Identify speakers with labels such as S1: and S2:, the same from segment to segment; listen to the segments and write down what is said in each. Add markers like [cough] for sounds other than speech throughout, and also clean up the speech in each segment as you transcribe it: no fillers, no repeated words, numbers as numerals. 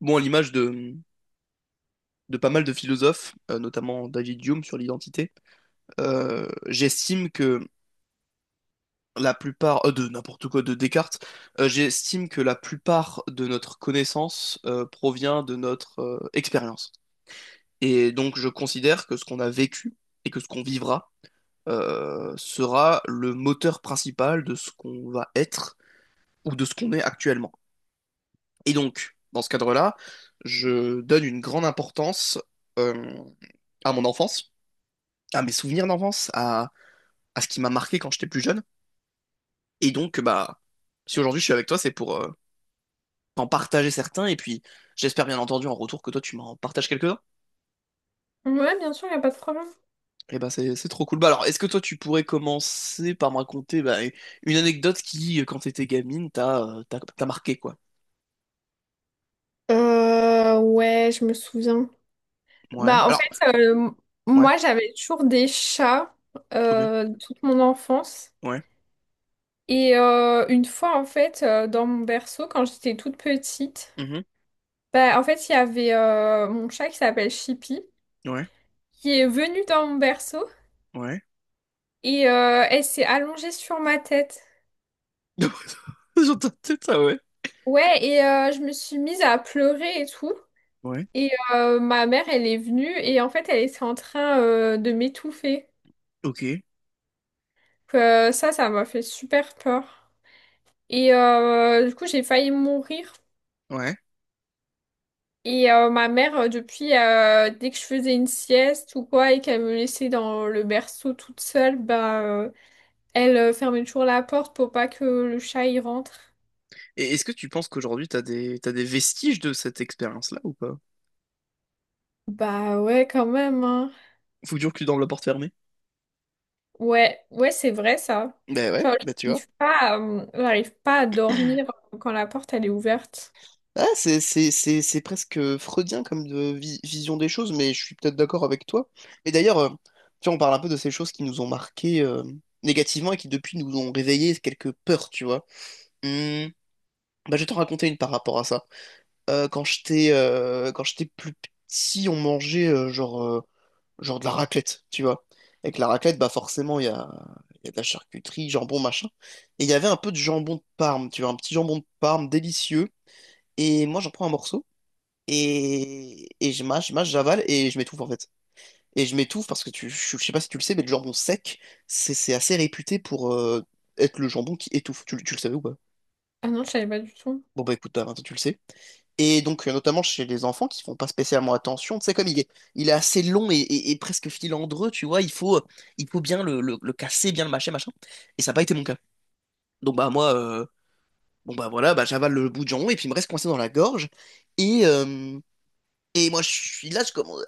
S1: Bon, à l'image de pas mal de philosophes, notamment David Hume sur l'identité, j'estime que la plupart, de n'importe quoi, de Descartes, j'estime que la plupart de notre connaissance provient de notre expérience. Et donc je considère que ce qu'on a vécu et que ce qu'on vivra sera le moteur principal de ce qu'on va être ou de ce qu'on est actuellement. Et donc, dans ce cadre-là, je donne une grande importance euh, à mon enfance à mes souvenirs d'enfance, à ce qui m'a marqué quand j'étais plus jeune. Et donc, bah, si aujourd'hui je suis avec toi, c'est pour en partager certains. Et puis, j'espère bien entendu en retour que toi, tu m'en partages quelques-uns.
S2: Ouais, bien sûr, il n'y a pas de problème.
S1: Et bah, c'est trop cool. Bah, alors, est-ce que toi, tu pourrais commencer par me raconter bah, une anecdote qui, quand t'étais gamine, t'a marqué, quoi?
S2: Ouais, je me souviens.
S1: Ouais.
S2: Bah, en
S1: Alors,
S2: fait, euh,
S1: ouais,
S2: Moi, j'avais toujours des chats
S1: ok.
S2: toute mon enfance.
S1: Ouais.
S2: Et une fois, dans mon berceau, quand j'étais toute petite,
S1: Mhm.
S2: il y avait mon chat qui s'appelle Chippy,
S1: Ouais.
S2: qui est venu dans mon berceau
S1: Ouais.
S2: et elle s'est allongée sur ma tête.
S1: [laughs] J'entends peut-être ça, ouais.
S2: Ouais, et je me suis mise à pleurer et tout.
S1: Ouais.
S2: Et ma mère, elle est venue et en fait, elle était en train de m'étouffer.
S1: Ok.
S2: Donc, ça m'a fait super peur. Et du coup, j'ai failli mourir.
S1: Ouais.
S2: Et ma mère, depuis, dès que je faisais une sieste ou quoi, et qu'elle me laissait dans le berceau toute seule, elle fermait toujours la porte pour pas que le chat y rentre.
S1: Et est-ce que tu penses qu'aujourd'hui, t'as des vestiges de cette expérience-là ou pas?
S2: Bah ouais, quand même, hein.
S1: Faut toujours que tu dormes la porte fermée.
S2: Ouais, ouais, c'est vrai, ça.
S1: Ben ouais,
S2: Genre,
S1: ben tu vois.
S2: j'arrive pas à dormir quand la porte, elle est ouverte.
S1: Ah, c'est presque freudien comme vision des choses, mais je suis peut-être d'accord avec toi. Mais d'ailleurs, tu vois, on parle un peu de ces choses qui nous ont marqués négativement et qui depuis nous ont réveillé quelques peurs, tu vois. Hmm, bah, je vais t'en raconter une par rapport à ça. Quand j'étais plus petit, on mangeait genre de la raclette, tu vois. Avec la raclette, bah forcément, il y a de la charcuterie, jambon, machin. Et il y avait un peu de jambon de Parme, tu vois, un petit jambon de Parme délicieux. Et moi, j'en prends un morceau. Et je mâche, j'avale et je m'étouffe en fait. Et je m'étouffe parce que je sais pas si tu le sais, mais le jambon sec, c'est assez réputé pour être le jambon qui étouffe. Tu le savais ou pas?
S2: Ah non, je savais pas du tout.
S1: Bon bah écoute, Alain, tu le sais. Et donc, notamment chez les enfants qui font pas spécialement attention, tu sais, il est assez long et presque filandreux, tu vois, il faut bien le casser, bien le mâcher, machin. Et ça n'a pas été mon cas. Donc, bah, moi, bah, voilà, bah, j'avale le bout de jambon et puis il me reste coincé dans la gorge. Et, euh, et moi, je suis là, je commence,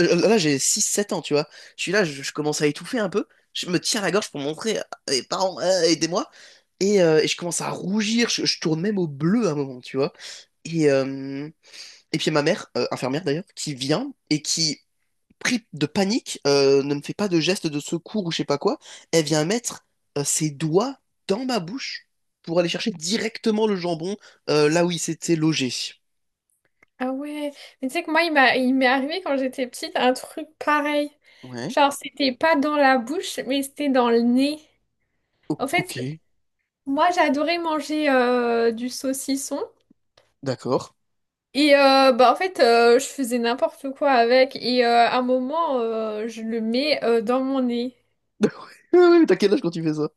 S1: euh, euh, là, j'ai 6 7 ans, tu vois. Je suis là, je commence à étouffer un peu. Je me tiens la gorge pour montrer à mes parents, aidez-moi. Et je commence à rougir, je tourne même au bleu à un moment, tu vois. Et, euh, et puis il y a ma mère, infirmière d'ailleurs, qui vient et qui pris de panique, ne me fait pas de geste de secours ou je sais pas quoi. Elle vient mettre ses doigts dans ma bouche pour aller chercher directement le jambon là où il s'était logé.
S2: Ah ouais, mais tu sais que moi, il m'est arrivé quand j'étais petite un truc pareil.
S1: Ouais.
S2: Genre, c'était pas dans la bouche, mais c'était dans le nez. En
S1: Ok,
S2: fait, moi, j'adorais manger du saucisson.
S1: d'accord.
S2: Et je faisais n'importe quoi avec. Et à un moment, je le mets dans mon nez.
S1: [laughs] Ouais, ouais, t'as quel âge quand tu fais ça?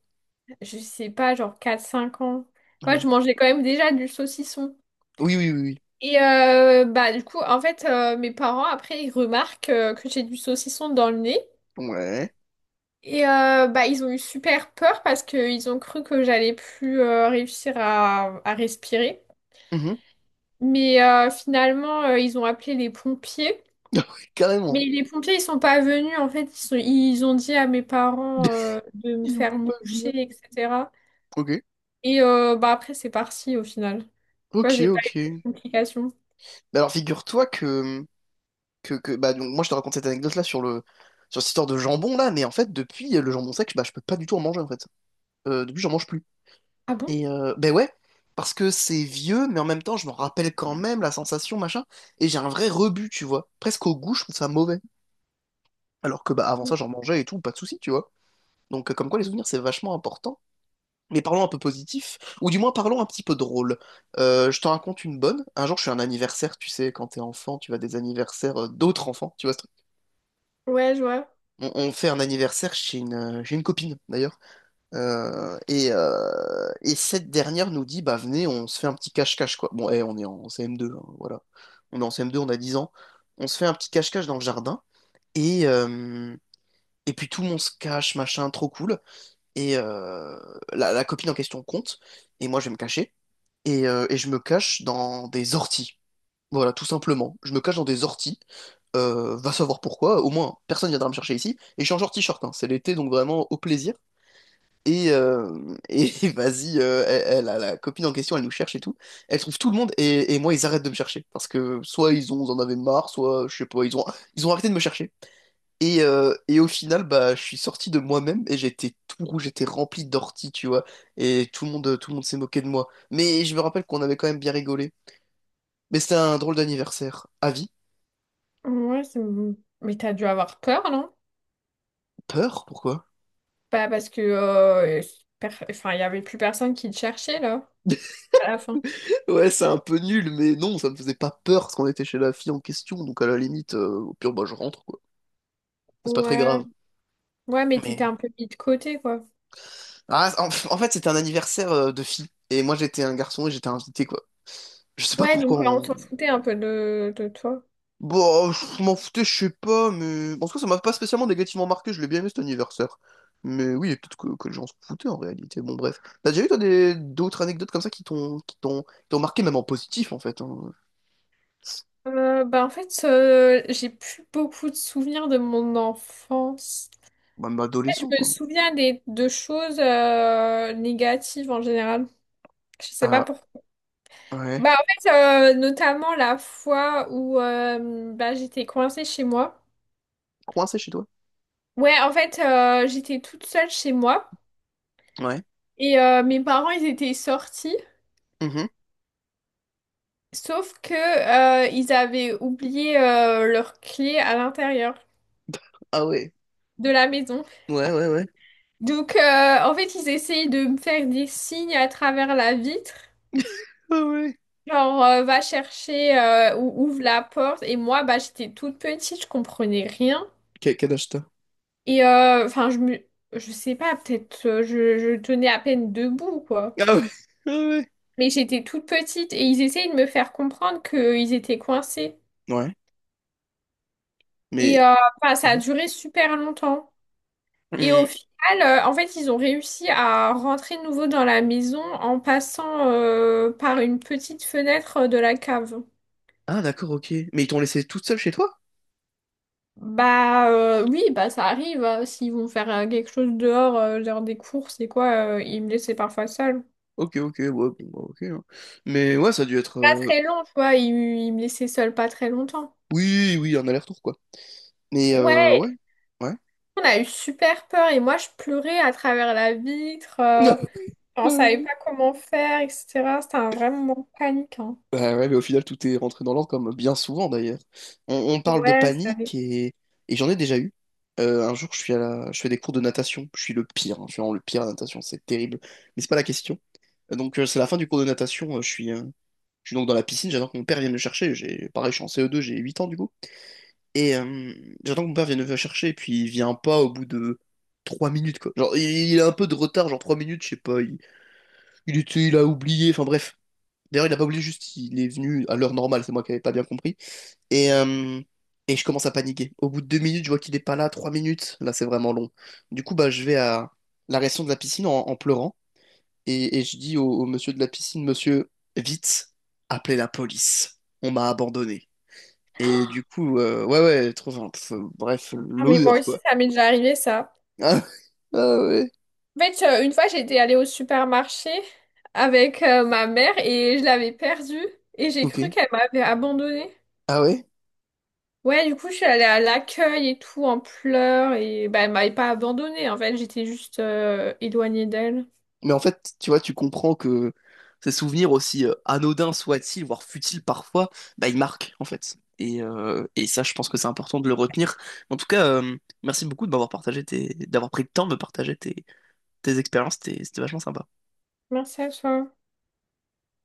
S2: Je sais pas, genre quatre cinq ans. Moi,
S1: Ouais.
S2: je mangeais quand même déjà du saucisson.
S1: Oui, oui, oui,
S2: Et du coup, mes parents, après, ils remarquent que j'ai du saucisson dans le nez.
S1: oui. Ouais.
S2: Et ils ont eu super peur parce qu'ils ont cru que j'allais plus réussir à respirer.
S1: Mhm.
S2: Mais finalement, ils ont appelé les pompiers.
S1: [laughs] Ouais, carrément.
S2: Mais les pompiers, ils sont pas venus. En fait, ils ont dit à mes parents
S1: [laughs]
S2: de me
S1: Il
S2: faire
S1: voulait pas
S2: moucher,
S1: venir.
S2: etc.
S1: Ok.
S2: Et après, c'est parti au final. Tu vois,
S1: Ok,
S2: j'ai pas eu
S1: ok.
S2: de complications.
S1: Bah alors figure-toi que bah donc moi je te raconte cette anecdote là sur cette histoire de jambon là, mais en fait depuis le jambon sec, bah je peux pas du tout en manger en fait. Depuis j'en mange plus
S2: Ah bon?
S1: et ben ouais, parce que c'est vieux, mais en même temps je me rappelle quand même la sensation machin, et j'ai un vrai rebut, tu vois, presque au goût, je trouve ça mauvais, alors que bah avant ça j'en mangeais et tout, pas de souci, tu vois. Donc comme quoi les souvenirs c'est vachement important. Mais parlons un peu positif, ou du moins parlons un petit peu drôle. Je t'en raconte une bonne. Un jour je suis à un anniversaire, tu sais, quand t'es enfant tu vas à des anniversaires d'autres enfants, tu vois.
S2: Ouais, je vois.
S1: On fait un anniversaire chez une copine d'ailleurs. Et cette dernière nous dit, bah venez, on se fait un petit cache-cache quoi. Bon, eh, on est en CM2, hein, voilà. On est en CM2, on a 10 ans. On se fait un petit cache-cache dans le jardin. Et, euh, et puis tout le monde se cache, machin, trop cool. Et la copine en question compte. Et moi, je vais me cacher. Et je me cache dans des orties. Voilà, tout simplement. Je me cache dans des orties. Va savoir pourquoi. Au moins, personne viendra me chercher ici. Et je suis en short t-shirt, hein. C'est l'été, donc vraiment au plaisir. Et, euh, et [laughs] vas-y, elle a la copine en question, elle nous cherche et tout. Elle trouve tout le monde et moi, ils arrêtent de me chercher. Parce que soit ils en avaient marre, soit je sais pas, ils ont arrêté de me chercher. Et au final, bah, je suis sorti de moi-même et j'étais tout rouge, j'étais rempli d'orties, tu vois. Tout le monde s'est moqué de moi. Mais je me rappelle qu'on avait quand même bien rigolé. Mais c'était un drôle d'anniversaire. À vie.
S2: Ouais, c'est- mais t'as dû avoir peur, non?
S1: Peur? Pourquoi?
S2: Bah, parce que enfin, il y avait plus personne qui te cherchait, là,
S1: [laughs]
S2: à la fin.
S1: Ouais, c'est un peu nul, mais non, ça me faisait pas peur parce qu'on était chez la fille en question, donc à la limite, au pire, bah, je rentre, quoi. C'est pas très
S2: Ouais,
S1: grave.
S2: ouais, mais t'étais
S1: Mais.
S2: un peu mis de côté, quoi.
S1: Ah, en fait, c'était un anniversaire de fille, et moi j'étais un garçon et j'étais invité, quoi. Je sais pas
S2: Ouais, donc
S1: pourquoi
S2: ouais, on s'en
S1: on.
S2: foutait un peu de toi.
S1: Bon, oh, je m'en foutais, je sais pas, mais. En tout cas, ça m'a pas spécialement négativement marqué, je l'ai bien aimé cet anniversaire. Mais oui, et peut-être que les gens se foutaient en réalité. Bon, bref. T'as déjà eu, toi, des- d'autres anecdotes comme ça qui t'ont marqué, même en positif, en fait, hein.
S2: J'ai plus beaucoup de souvenirs de mon enfance.
S1: Même
S2: En fait, je
S1: adolescence,
S2: me
S1: hein.
S2: souviens de choses négatives en général. Je sais pas
S1: Ah,
S2: pourquoi.
S1: ouais.
S2: Notamment la fois où j'étais coincée chez moi.
S1: Coincé chez toi?
S2: Ouais, j'étais toute seule chez moi
S1: Ouais.
S2: et mes parents, ils étaient sortis.
S1: Mhm.
S2: Sauf que ils avaient oublié leur clé à l'intérieur
S1: Ah ouais.
S2: de la maison.
S1: Ouais, ouais, ouais.
S2: Donc en fait ils essayaient de me faire des signes à travers la vitre.
S1: Ah ouais.
S2: Genre va chercher ou ouvre la porte. Et moi bah j'étais toute petite, je comprenais rien.
S1: Quel, quel âge t'as?
S2: Et je sais pas, peut-être je tenais à peine debout quoi.
S1: Ah ouais. Ah ouais.
S2: Mais j'étais toute petite et ils essayaient de me faire comprendre qu'ils étaient coincés.
S1: Ouais.
S2: Et
S1: Mais.
S2: enfin, ça a
S1: Mhm.
S2: duré super longtemps. Et au
S1: Hum.
S2: final, ils ont réussi à rentrer de nouveau dans la maison en passant par une petite fenêtre de la cave.
S1: Ah d'accord, ok. Mais ils t'ont laissé toute seule chez toi?
S2: Oui, bah ça arrive, hein. S'ils vont faire quelque chose dehors, genre des courses et quoi, ils me laissaient parfois seule.
S1: Ok, ok, ouais, bon, bah, ok, hein. Mais ouais, ça a dû être.
S2: Pas très long, tu vois, ils me laissaient seule pas très longtemps.
S1: Oui, oui, un aller-retour, quoi. Mais
S2: Ouais,
S1: ouais. Ouais.
S2: on a eu super peur et moi je pleurais à travers la vitre. On savait
S1: [laughs]
S2: pas comment faire, etc. C'était un vrai moment de panique, hein.
S1: Bah ouais, mais au final, tout est rentré dans l'ordre, comme bien souvent d'ailleurs. On parle de
S2: Ouais, ça
S1: panique et j'en ai déjà eu. Un jour, je suis je fais des cours de natation. Je suis le pire, hein. Je suis vraiment le pire à la natation, c'est terrible. Mais c'est pas la question. Donc, c'est la fin du cours de natation. Je suis donc dans la piscine. J'attends que mon père vienne me chercher. J'ai, pareil, je suis en CE2, j'ai 8 ans du coup. Et euh, J'attends que mon père vienne me chercher. Et puis, il vient pas au bout de 3 minutes, quoi. Il a un peu de retard, genre 3 minutes, je sais pas. Il a oublié. Enfin, bref. D'ailleurs, il a pas oublié juste, il est venu à l'heure normale, c'est moi qui avais pas bien compris. Et, euh, et je commence à paniquer. Au bout de 2 minutes, je vois qu'il est pas là, 3 minutes, là c'est vraiment long. Du coup, bah, je vais à la réaction de la piscine en pleurant et, et je dis au monsieur de la piscine, monsieur, vite, appelez la police. On m'a abandonné. Et du coup, ouais, ouais, trop, enfin, pff, bref,
S2: Ah, mais moi
S1: l'odeur,
S2: aussi,
S1: quoi.
S2: ça m'est
S1: [laughs]
S2: déjà arrivé, ça.
S1: Ah, ah ouais,
S2: En fait, une fois, j'étais allée au supermarché avec ma mère et je l'avais perdue et j'ai
S1: ok.
S2: cru qu'elle m'avait abandonnée.
S1: Ah ouais?
S2: Ouais, du coup, je suis allée à l'accueil et tout en pleurs et bah, elle m'avait pas abandonnée. En fait, j'étais juste éloignée d'elle.
S1: Mais en fait, tu vois, tu comprends que ces souvenirs, aussi anodins soient-ils, voire futiles parfois, bah, ils marquent, en fait. Et ça, je pense que c'est important de le retenir. En tout cas, merci beaucoup de m'avoir partagé tes... d'avoir pris le temps de me partager tes expériences. C'était vachement sympa.
S2: Merci à toi.